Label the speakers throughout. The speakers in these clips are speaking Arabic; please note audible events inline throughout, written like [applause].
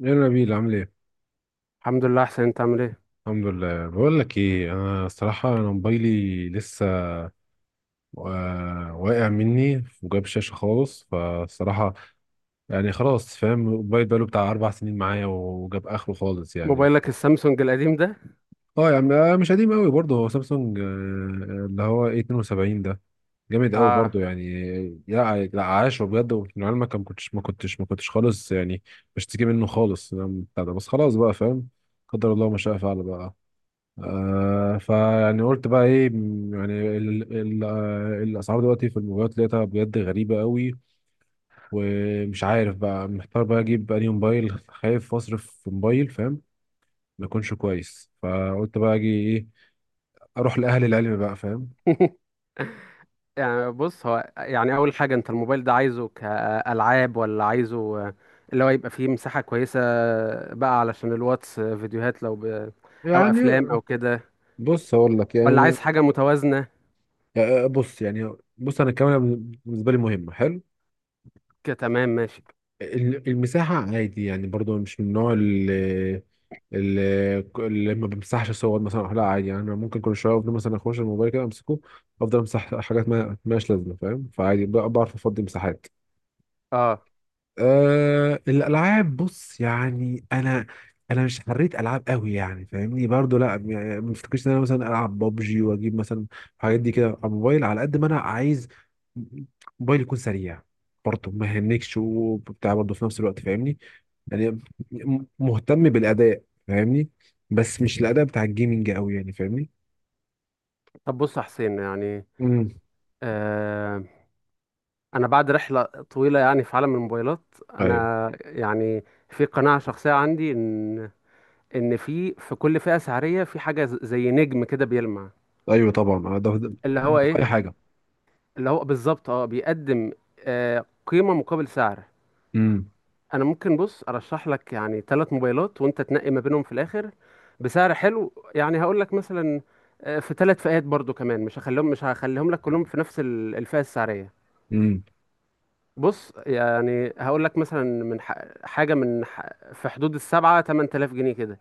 Speaker 1: يا نبيل عامل ايه؟
Speaker 2: الحمد لله احسن. انت عامل ايه؟
Speaker 1: الحمد لله، بقول لك ايه، انا الصراحه انا موبايلي لسه واقع مني وجاب شاشه خالص فالصراحه. يعني خلاص فاهم، الموبايل بقاله بتاع اربع سنين معايا وجاب اخره خالص يعني.
Speaker 2: موبايلك السامسونج القديم ده؟
Speaker 1: اه يعني مش قديم قوي برضه، هو سامسونج اللي هو ايه 72 ده. جامد قوي
Speaker 2: اه.
Speaker 1: برضه يعني. لا لا، عاش بجد. ومن علمك ما كنتش خالص يعني بشتكي منه خالص بتاع ده، بس خلاص بقى فاهم. قدر الله ما شاء فعل بقى. آه فيعني قلت بقى ايه، يعني ال ال آه، الاسعار دلوقتي في الموبايلات لقيتها بجد غريبه قوي. ومش عارف بقى، محتار بقى اجيب انهي موبايل، خايف اصرف في موبايل فاهم ما يكونش كويس. فقلت بقى اجي ايه، اروح لاهل العلم بقى فاهم.
Speaker 2: [laughs] يعني بص، هو يعني اول حاجه انت الموبايل ده عايزه كالعاب، ولا عايزه اللي هو يبقى فيه مساحه كويسه بقى علشان الواتس، فيديوهات لو او
Speaker 1: يعني
Speaker 2: افلام او كده،
Speaker 1: بص اقول لك
Speaker 2: ولا
Speaker 1: يعني،
Speaker 2: عايز حاجه متوازنه؟
Speaker 1: بص يعني انا الكاميرا بالنسبه لي مهمه. حلو.
Speaker 2: كتمام، ماشي.
Speaker 1: المساحة عادي يعني، برضو مش من النوع اللي ما بمسحش صور مثلا، لا عادي يعني. أنا ممكن كل شوية أفضل مثلا أخش الموبايل كده أمسكه، أفضل أمسح حاجات ما مالهاش لازمة فاهم. فعادي بعرف أفضي مساحات.
Speaker 2: اه،
Speaker 1: أه الألعاب، بص يعني أنا مش حريت ألعاب قوي يعني فاهمني. برضو لا، يعني ما افتكرش إن أنا مثلا ألعب ببجي وأجيب مثلا الحاجات دي كده على الموبايل. على قد ما أنا عايز موبايل يكون سريع برضه ما يهنكش وبتاع، برضه في نفس الوقت فاهمني يعني. مهتم بالاداء فاهمني، بس مش الاداء بتاع الجيمنج قوي يعني فاهمني.
Speaker 2: طب بص يا حسين، يعني
Speaker 1: امم.
Speaker 2: آه انا بعد رحله طويله يعني في عالم الموبايلات،
Speaker 1: ايوه،
Speaker 2: انا يعني في قناعه شخصيه عندي ان ان في كل فئه سعريه في حاجه زي نجم كده بيلمع،
Speaker 1: ايوه طبعا ده.
Speaker 2: اللي هو
Speaker 1: ده في اي
Speaker 2: ايه،
Speaker 1: حاجه.
Speaker 2: اللي هو بالظبط اه بيقدم قيمه مقابل سعر.
Speaker 1: امم.
Speaker 2: انا ممكن بص ارشح لك يعني ثلاث موبايلات، وانت تنقي ما بينهم في الاخر بسعر حلو. يعني هقول لك مثلا، في ثلاث فئات برضو كمان، مش هخليهم لك كلهم في نفس الفئه السعريه.
Speaker 1: امم.
Speaker 2: بص يعني هقول لك مثلا من حاجه في حدود السبعة 8000 جنيه كده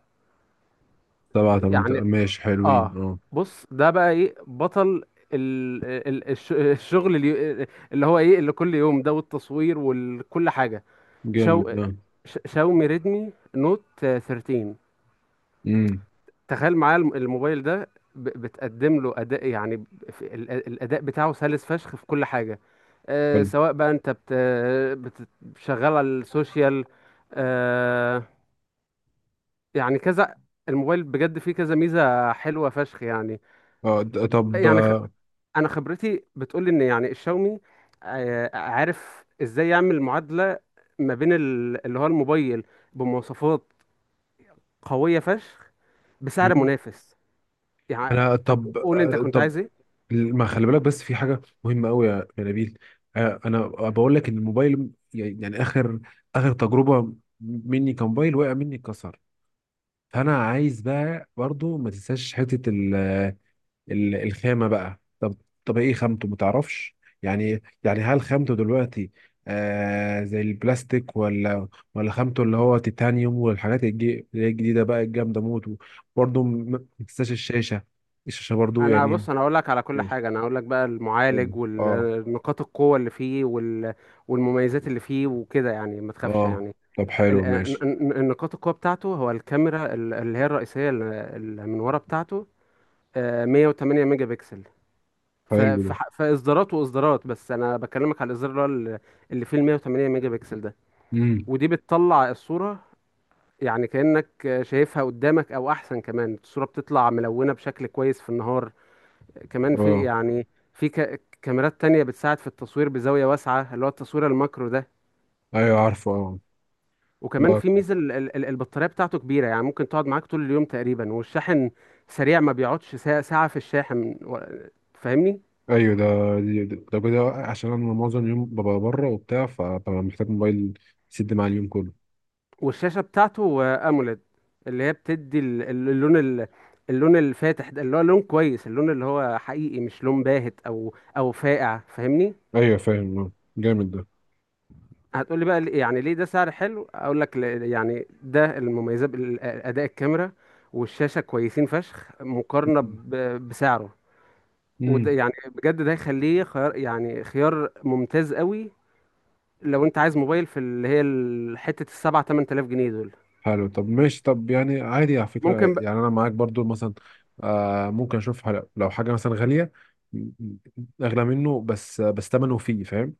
Speaker 1: سبعه؟ طب انت
Speaker 2: يعني.
Speaker 1: ماشي، حلوين
Speaker 2: اه،
Speaker 1: اه.
Speaker 2: بص، ده بقى ايه بطل الشغل اللي هو ايه، اللي كل يوم ده والتصوير وكل حاجه. شاو...
Speaker 1: جامد اه.
Speaker 2: شاومي ريدمي نوت 13.
Speaker 1: امم.
Speaker 2: تخيل معايا الموبايل ده بتقدم له اداء، يعني في الاداء بتاعه سلس فشخ في كل حاجه، آه،
Speaker 1: حلو
Speaker 2: سواء بقى انت بت... شغال على السوشيال، آه، يعني كذا. الموبايل بجد فيه كذا ميزه حلوه فشخ يعني.
Speaker 1: اه. طب
Speaker 2: يعني
Speaker 1: آه،
Speaker 2: انا خبرتي بتقول لي ان يعني الشاومي عارف ازاي يعمل معادله ما بين اللي هو الموبايل بمواصفات قويه فشخ بسعر
Speaker 1: مم.
Speaker 2: منافس.
Speaker 1: انا
Speaker 2: يعني طب
Speaker 1: طب
Speaker 2: قول انت كنت
Speaker 1: طب
Speaker 2: عايز ايه؟
Speaker 1: ما خلي بالك، بس في حاجه مهمه قوي يا نبيل. انا بقول لك ان الموبايل يعني اخر تجربه مني كموبايل وقع مني اتكسر. فانا عايز بقى برضو ما تنساش حته الخامه بقى. طب ايه خامته ما تعرفش يعني؟ هل خامته دلوقتي آه زي البلاستيك، ولا خامته اللي هو تيتانيوم والحاجات اللي هي الجديده بقى الجامده موت. برضو ما تنساش الشاشه، الشاشه برضو
Speaker 2: انا
Speaker 1: يعني.
Speaker 2: بص انا اقول لك على كل
Speaker 1: ماشي.
Speaker 2: حاجه. انا اقول لك بقى
Speaker 1: حلو
Speaker 2: المعالج
Speaker 1: اه.
Speaker 2: والنقاط القوه اللي فيه والمميزات اللي فيه وكده، يعني ما تخافش
Speaker 1: اه
Speaker 2: يعني.
Speaker 1: طب حلو ماشي.
Speaker 2: النقاط القوه بتاعته هو الكاميرا اللي هي الرئيسيه، اللي من ورا بتاعته، آه، 108 ميجا بكسل.
Speaker 1: حلو ده.
Speaker 2: في اصدارات واصدارات، بس انا بكلمك على الاصدار اللي هو اللي فيه ال 108 ميجا بكسل ده.
Speaker 1: امم.
Speaker 2: ودي بتطلع الصوره يعني كانك شايفها قدامك او احسن كمان. الصوره بتطلع ملونه بشكل كويس في النهار. كمان في
Speaker 1: اه
Speaker 2: يعني في كاميرات تانية بتساعد في التصوير بزاويه واسعه، اللي هو التصوير الماكرو ده.
Speaker 1: ايوه، عارفه اه.
Speaker 2: وكمان
Speaker 1: لا،
Speaker 2: في ميزه البطاريه بتاعته كبيره، يعني ممكن تقعد معاك طول اليوم تقريبا. والشاحن سريع، ما بيقعدش ساعه ساعة في الشاحن و، فاهمني.
Speaker 1: ايوه ده. ده كده عشان انا معظم اليوم ببقى بره وبتاع، فببقى محتاج موبايل يسد معايا اليوم كله.
Speaker 2: والشاشة بتاعته أموليد، اللي هي بتدي اللون اللون الفاتح ده، اللي هو لون كويس، اللون اللي هو حقيقي، مش لون باهت أو فاقع، فاهمني؟
Speaker 1: ايوه فاهم جامد ده.
Speaker 2: هتقولي بقى يعني ليه ده سعر حلو؟ أقول لك يعني ده المميزات بأداء الكاميرا، والشاشة كويسين فشخ مقارنة
Speaker 1: مم.
Speaker 2: بسعره. وده
Speaker 1: امم.
Speaker 2: يعني بجد ده يخليه خيار، يعني خيار ممتاز قوي لو انت عايز موبايل في اللي هي حتة السبعة تمن تلاف جنيه دول.
Speaker 1: حلو. طب ماشي. طب يعني عادي على فكره،
Speaker 2: ممكن،
Speaker 1: يعني انا معاك برضو مثلا ممكن اشوف لو حاجه مثلا غاليه م- م- اغلى منه، بس ثمنه فيه فاهم.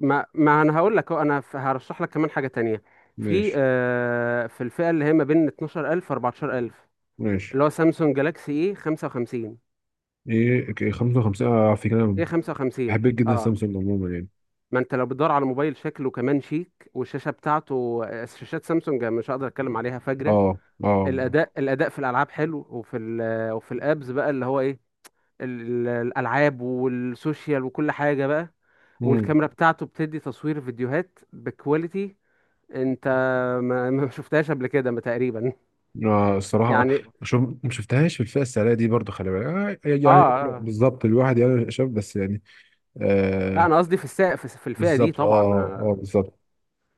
Speaker 2: ما ما انا هقول لك أهو، انا هرشح لك كمان حاجه تانية في
Speaker 1: ماشي.
Speaker 2: آه في الفئه اللي هي ما بين 12000 14000،
Speaker 1: ماشي.
Speaker 2: اللي هو سامسونج جالاكسي ايه 55.
Speaker 1: ايه إيه، 55 على فكره انا
Speaker 2: ايه 55،
Speaker 1: بحب جدا
Speaker 2: اه
Speaker 1: سامسونج عموما يعني.
Speaker 2: ما انت لو بتدور على موبايل شكله كمان شيك والشاشه بتاعته آه، شاشات سامسونج يعني مش هقدر اتكلم عليها، فجره.
Speaker 1: اه اه.
Speaker 2: الاداء، الاداء في الالعاب حلو، وفي ال وفي الابز بقى اللي هو ايه، الالعاب والسوشيال وكل حاجه بقى.
Speaker 1: امم.
Speaker 2: والكاميرا بتاعته بتدي تصوير فيديوهات بكواليتي انت ما شفتهاش قبل كده ما تقريبا،
Speaker 1: الصراحة
Speaker 2: يعني.
Speaker 1: شوف، ما شفتهاش في الفئة السعرية دي برضو. خلي بالك
Speaker 2: اه،
Speaker 1: يعني
Speaker 2: آه.
Speaker 1: بالظبط، الواحد يعني شاف بس يعني
Speaker 2: لا
Speaker 1: آه
Speaker 2: انا قصدي في في في الفئه دي
Speaker 1: بالظبط.
Speaker 2: طبعا،
Speaker 1: اه اه
Speaker 2: آه.
Speaker 1: بالظبط.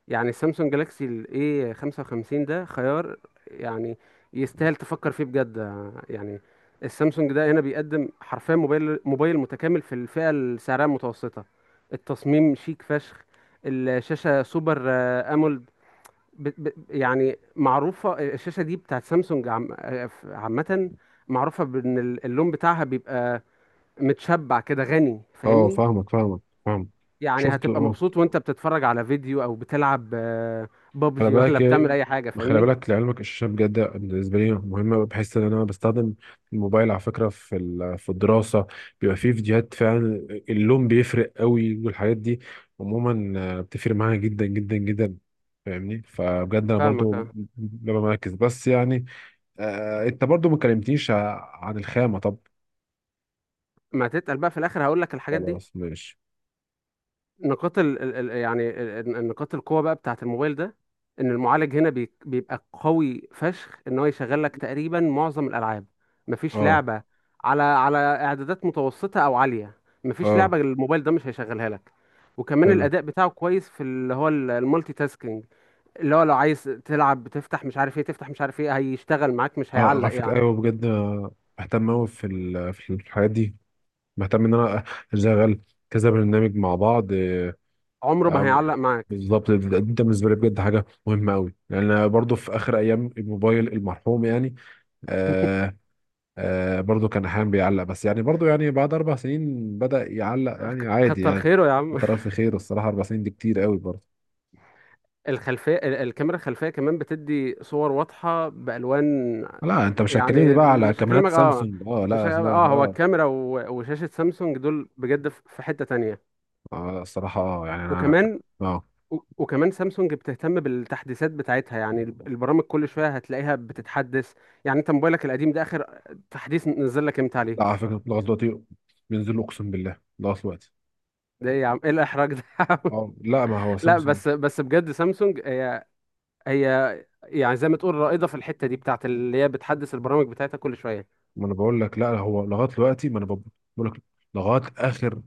Speaker 2: يعني السامسونج جالاكسي الاي 55 ده خيار يعني يستاهل تفكر فيه بجد، آه، يعني. السامسونج ده هنا بيقدم حرفيا موبايل، موبايل متكامل في الفئه السعريه المتوسطه. التصميم شيك فشخ. الشاشه سوبر آه، امول. يعني معروفة الشاشة دي بتاعت سامسونج عامة، معروفة بإن اللون بتاعها بيبقى متشبع كده غني،
Speaker 1: اه
Speaker 2: فاهمني؟
Speaker 1: فاهمك، فاهمك، فاهمك.
Speaker 2: يعني
Speaker 1: شفت
Speaker 2: هتبقى
Speaker 1: اه.
Speaker 2: مبسوط وانت بتتفرج على فيديو او بتلعب آه،
Speaker 1: خلي
Speaker 2: بابجي، ولا
Speaker 1: بالك إيه،
Speaker 2: بتعمل اي حاجة،
Speaker 1: خلي
Speaker 2: فاهمني؟
Speaker 1: بالك لعلمك، الشاشة بجد بالنسبة لي مهمة، بحس إن أنا بستخدم الموبايل على فكرة في في الدراسة. بيبقى فيه فيديوهات فعلا، اللون بيفرق قوي والحاجات دي عموما بتفرق معايا جدا جدا جدا فاهمني. فبجد أنا
Speaker 2: فاهمك.
Speaker 1: برضو
Speaker 2: اه،
Speaker 1: ببقى مركز، بس يعني أنت برضو ما كلمتنيش عن الخامة طب.
Speaker 2: ما تتقل بقى، في الاخر هقول لك الحاجات دي.
Speaker 1: خلاص ماشي.
Speaker 2: نقاط نقاط القوة بقى بتاعة الموبايل ده، ان المعالج هنا بيبقى قوي فشخ، ان هو يشغل لك تقريبا معظم الالعاب. مفيش
Speaker 1: أه
Speaker 2: لعبة على على اعدادات متوسطة او عالية، مفيش لعبة
Speaker 1: أه
Speaker 2: الموبايل ده مش هيشغلها لك. وكمان
Speaker 1: حلو.
Speaker 2: الاداء بتاعه كويس في اللي هو المالتي تاسكينج، اللي هو لو عايز تلعب بتفتح مش عارف ايه، تفتح مش عارف ايه، هيشتغل معاك مش
Speaker 1: أه
Speaker 2: هيعلق
Speaker 1: على فكرة
Speaker 2: يعني.
Speaker 1: أيوه بجد بهتم أوي في في الحاجات دي. مهتم ان انا اشغل كذا برنامج مع بعض
Speaker 2: عمره ما
Speaker 1: أو-
Speaker 2: هيعلق معاك.
Speaker 1: بالظبط. ده بالنسبه لي بجد حاجه مهمه قوي، لان أنا برضو في اخر ايام الموبايل المرحوم يعني.
Speaker 2: [laughs]
Speaker 1: آه آه برضو كان احيانا بيعلق، بس يعني برضو يعني بعد اربع سنين بدأ يعلق يعني عادي
Speaker 2: كتر
Speaker 1: يعني.
Speaker 2: خيره يا عم.
Speaker 1: انت رأي في خير، الصراحه اربع سنين دي كتير قوي برضو.
Speaker 2: الخلفية الكاميرا الخلفية كمان بتدي صور واضحة بألوان.
Speaker 1: لا انت مش هتكلمني
Speaker 2: يعني
Speaker 1: بقى على
Speaker 2: مش
Speaker 1: كاميرات
Speaker 2: هكلمك، اه
Speaker 1: سامسونج، اه
Speaker 2: مش
Speaker 1: لا لا
Speaker 2: اه، هو
Speaker 1: اه,
Speaker 2: الكاميرا وشاشة سامسونج دول بجد في في حتة تانية.
Speaker 1: الصراحه اه يعني انا.
Speaker 2: وكمان
Speaker 1: اه
Speaker 2: وكمان سامسونج بتهتم بالتحديثات بتاعتها. يعني البرامج كل شوية هتلاقيها بتتحدث. يعني انت موبايلك القديم ده آخر تحديث نزل لك امتى عليه؟
Speaker 1: لا، على فكره لغايه دلوقتي بينزلوا اقسم بالله لغايه دلوقتي.
Speaker 2: ده ايه يا عم، ايه الإحراج ده يا عم؟
Speaker 1: اه لا، ما هو
Speaker 2: [laughs] لا
Speaker 1: سامسونج.
Speaker 2: بس، بس بجد سامسونج هي يعني زي ما تقول رائدة في الحتة دي بتاعت اللي هي بتحدث البرامج بتاعتها كل شوية.
Speaker 1: ما انا بقول لك، لا هو لغايه دلوقتي، ما انا بقول لك لغايه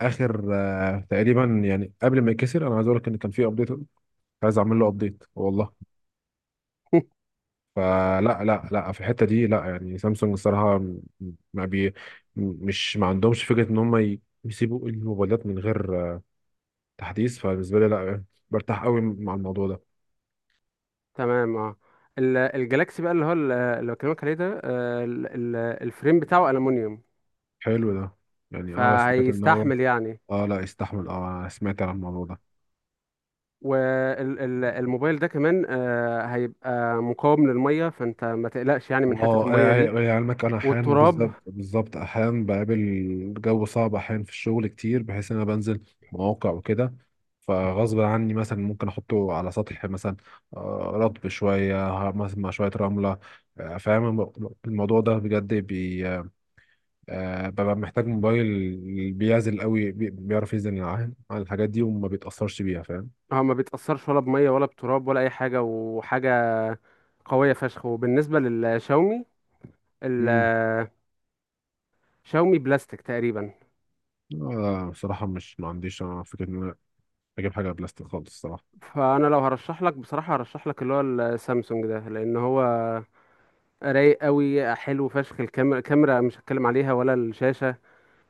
Speaker 1: اخر تقريبا، يعني قبل ما يكسر انا عايز اقول لك ان كان في ابديت عايز اعمل له ابديت والله. فلا لا لا في الحته دي، لا يعني سامسونج الصراحه م- ما بي م- مش ما عندهمش فكره ان هم يسيبوا الموبايلات من غير تحديث. فبالنسبه لي لا، برتاح قوي مع الموضوع ده.
Speaker 2: تمام، اه. الجلاكسي بقى اللي هو اللي بكلمك عليه ده آه، الفريم بتاعه ألمونيوم،
Speaker 1: حلو ده، يعني اه سمعت ان هو
Speaker 2: فهيستحمل يعني.
Speaker 1: اه لا، يستحمل اه. أنا سمعت عن الموضوع ده.
Speaker 2: والموبايل ده كمان آه، هيبقى مقاوم للمية، فانت ما تقلقش يعني من حتة
Speaker 1: اه
Speaker 2: المية دي،
Speaker 1: يعني علمك انا احيانا،
Speaker 2: والتراب.
Speaker 1: بالظبط بالظبط احيانا بقابل جو صعب احيانا في الشغل كتير، بحيث ان انا بنزل مواقع وكده. فغصب عني مثلا ممكن احطه على سطح مثلا رطب شويه مثلا مع شويه رمله فاهم الموضوع ده بجد بي آه، ببقى محتاج موبايل بيعزل قوي بيعرف يعزل عن [laughs] الحاجات دي وما بيتاثرش بيها فاهم.
Speaker 2: هو ما بيتأثرش ولا بمية ولا بتراب ولا أي حاجة، وحاجة قوية فشخ. وبالنسبة للشاومي،
Speaker 1: امم.
Speaker 2: الشاومي بلاستيك تقريبا.
Speaker 1: بصراحه مش ما عنديش انا فكره ان انا اجيب حاجه بلاستيك خالص الصراحه.
Speaker 2: فأنا لو هرشح لك بصراحة هرشح لك اللي هو السامسونج ده، لأن هو رايق قوي حلو فشخ، الكاميرا كاميرا مش هتكلم عليها ولا الشاشة،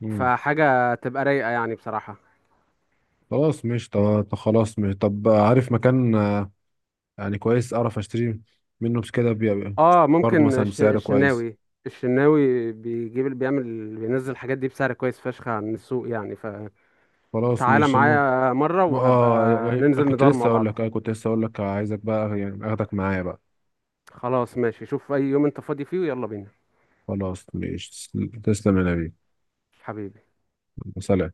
Speaker 2: فحاجة تبقى رايقة يعني بصراحة.
Speaker 1: خلاص مش طب. خلاص مش طب، عارف مكان يعني كويس اعرف اشتري منه بس كده
Speaker 2: اه،
Speaker 1: برضه
Speaker 2: ممكن
Speaker 1: مثلا بسعر كويس.
Speaker 2: الشناوي، الشناوي بيجيب، بيعمل، بينزل الحاجات دي بسعر كويس فشخ عن السوق يعني. فتعالى
Speaker 1: خلاص مش المهم.
Speaker 2: معايا مرة وهبقى
Speaker 1: اه يعني
Speaker 2: ننزل ندار مع بعض.
Speaker 1: كنت لسه اقول لك، عايزك بقى يعني اخدك معايا بقى.
Speaker 2: خلاص ماشي، شوف اي يوم انت فاضي فيه ويلا بينا،
Speaker 1: خلاص مش. تسلم يا نبي.
Speaker 2: حبيبي.
Speaker 1: سلام.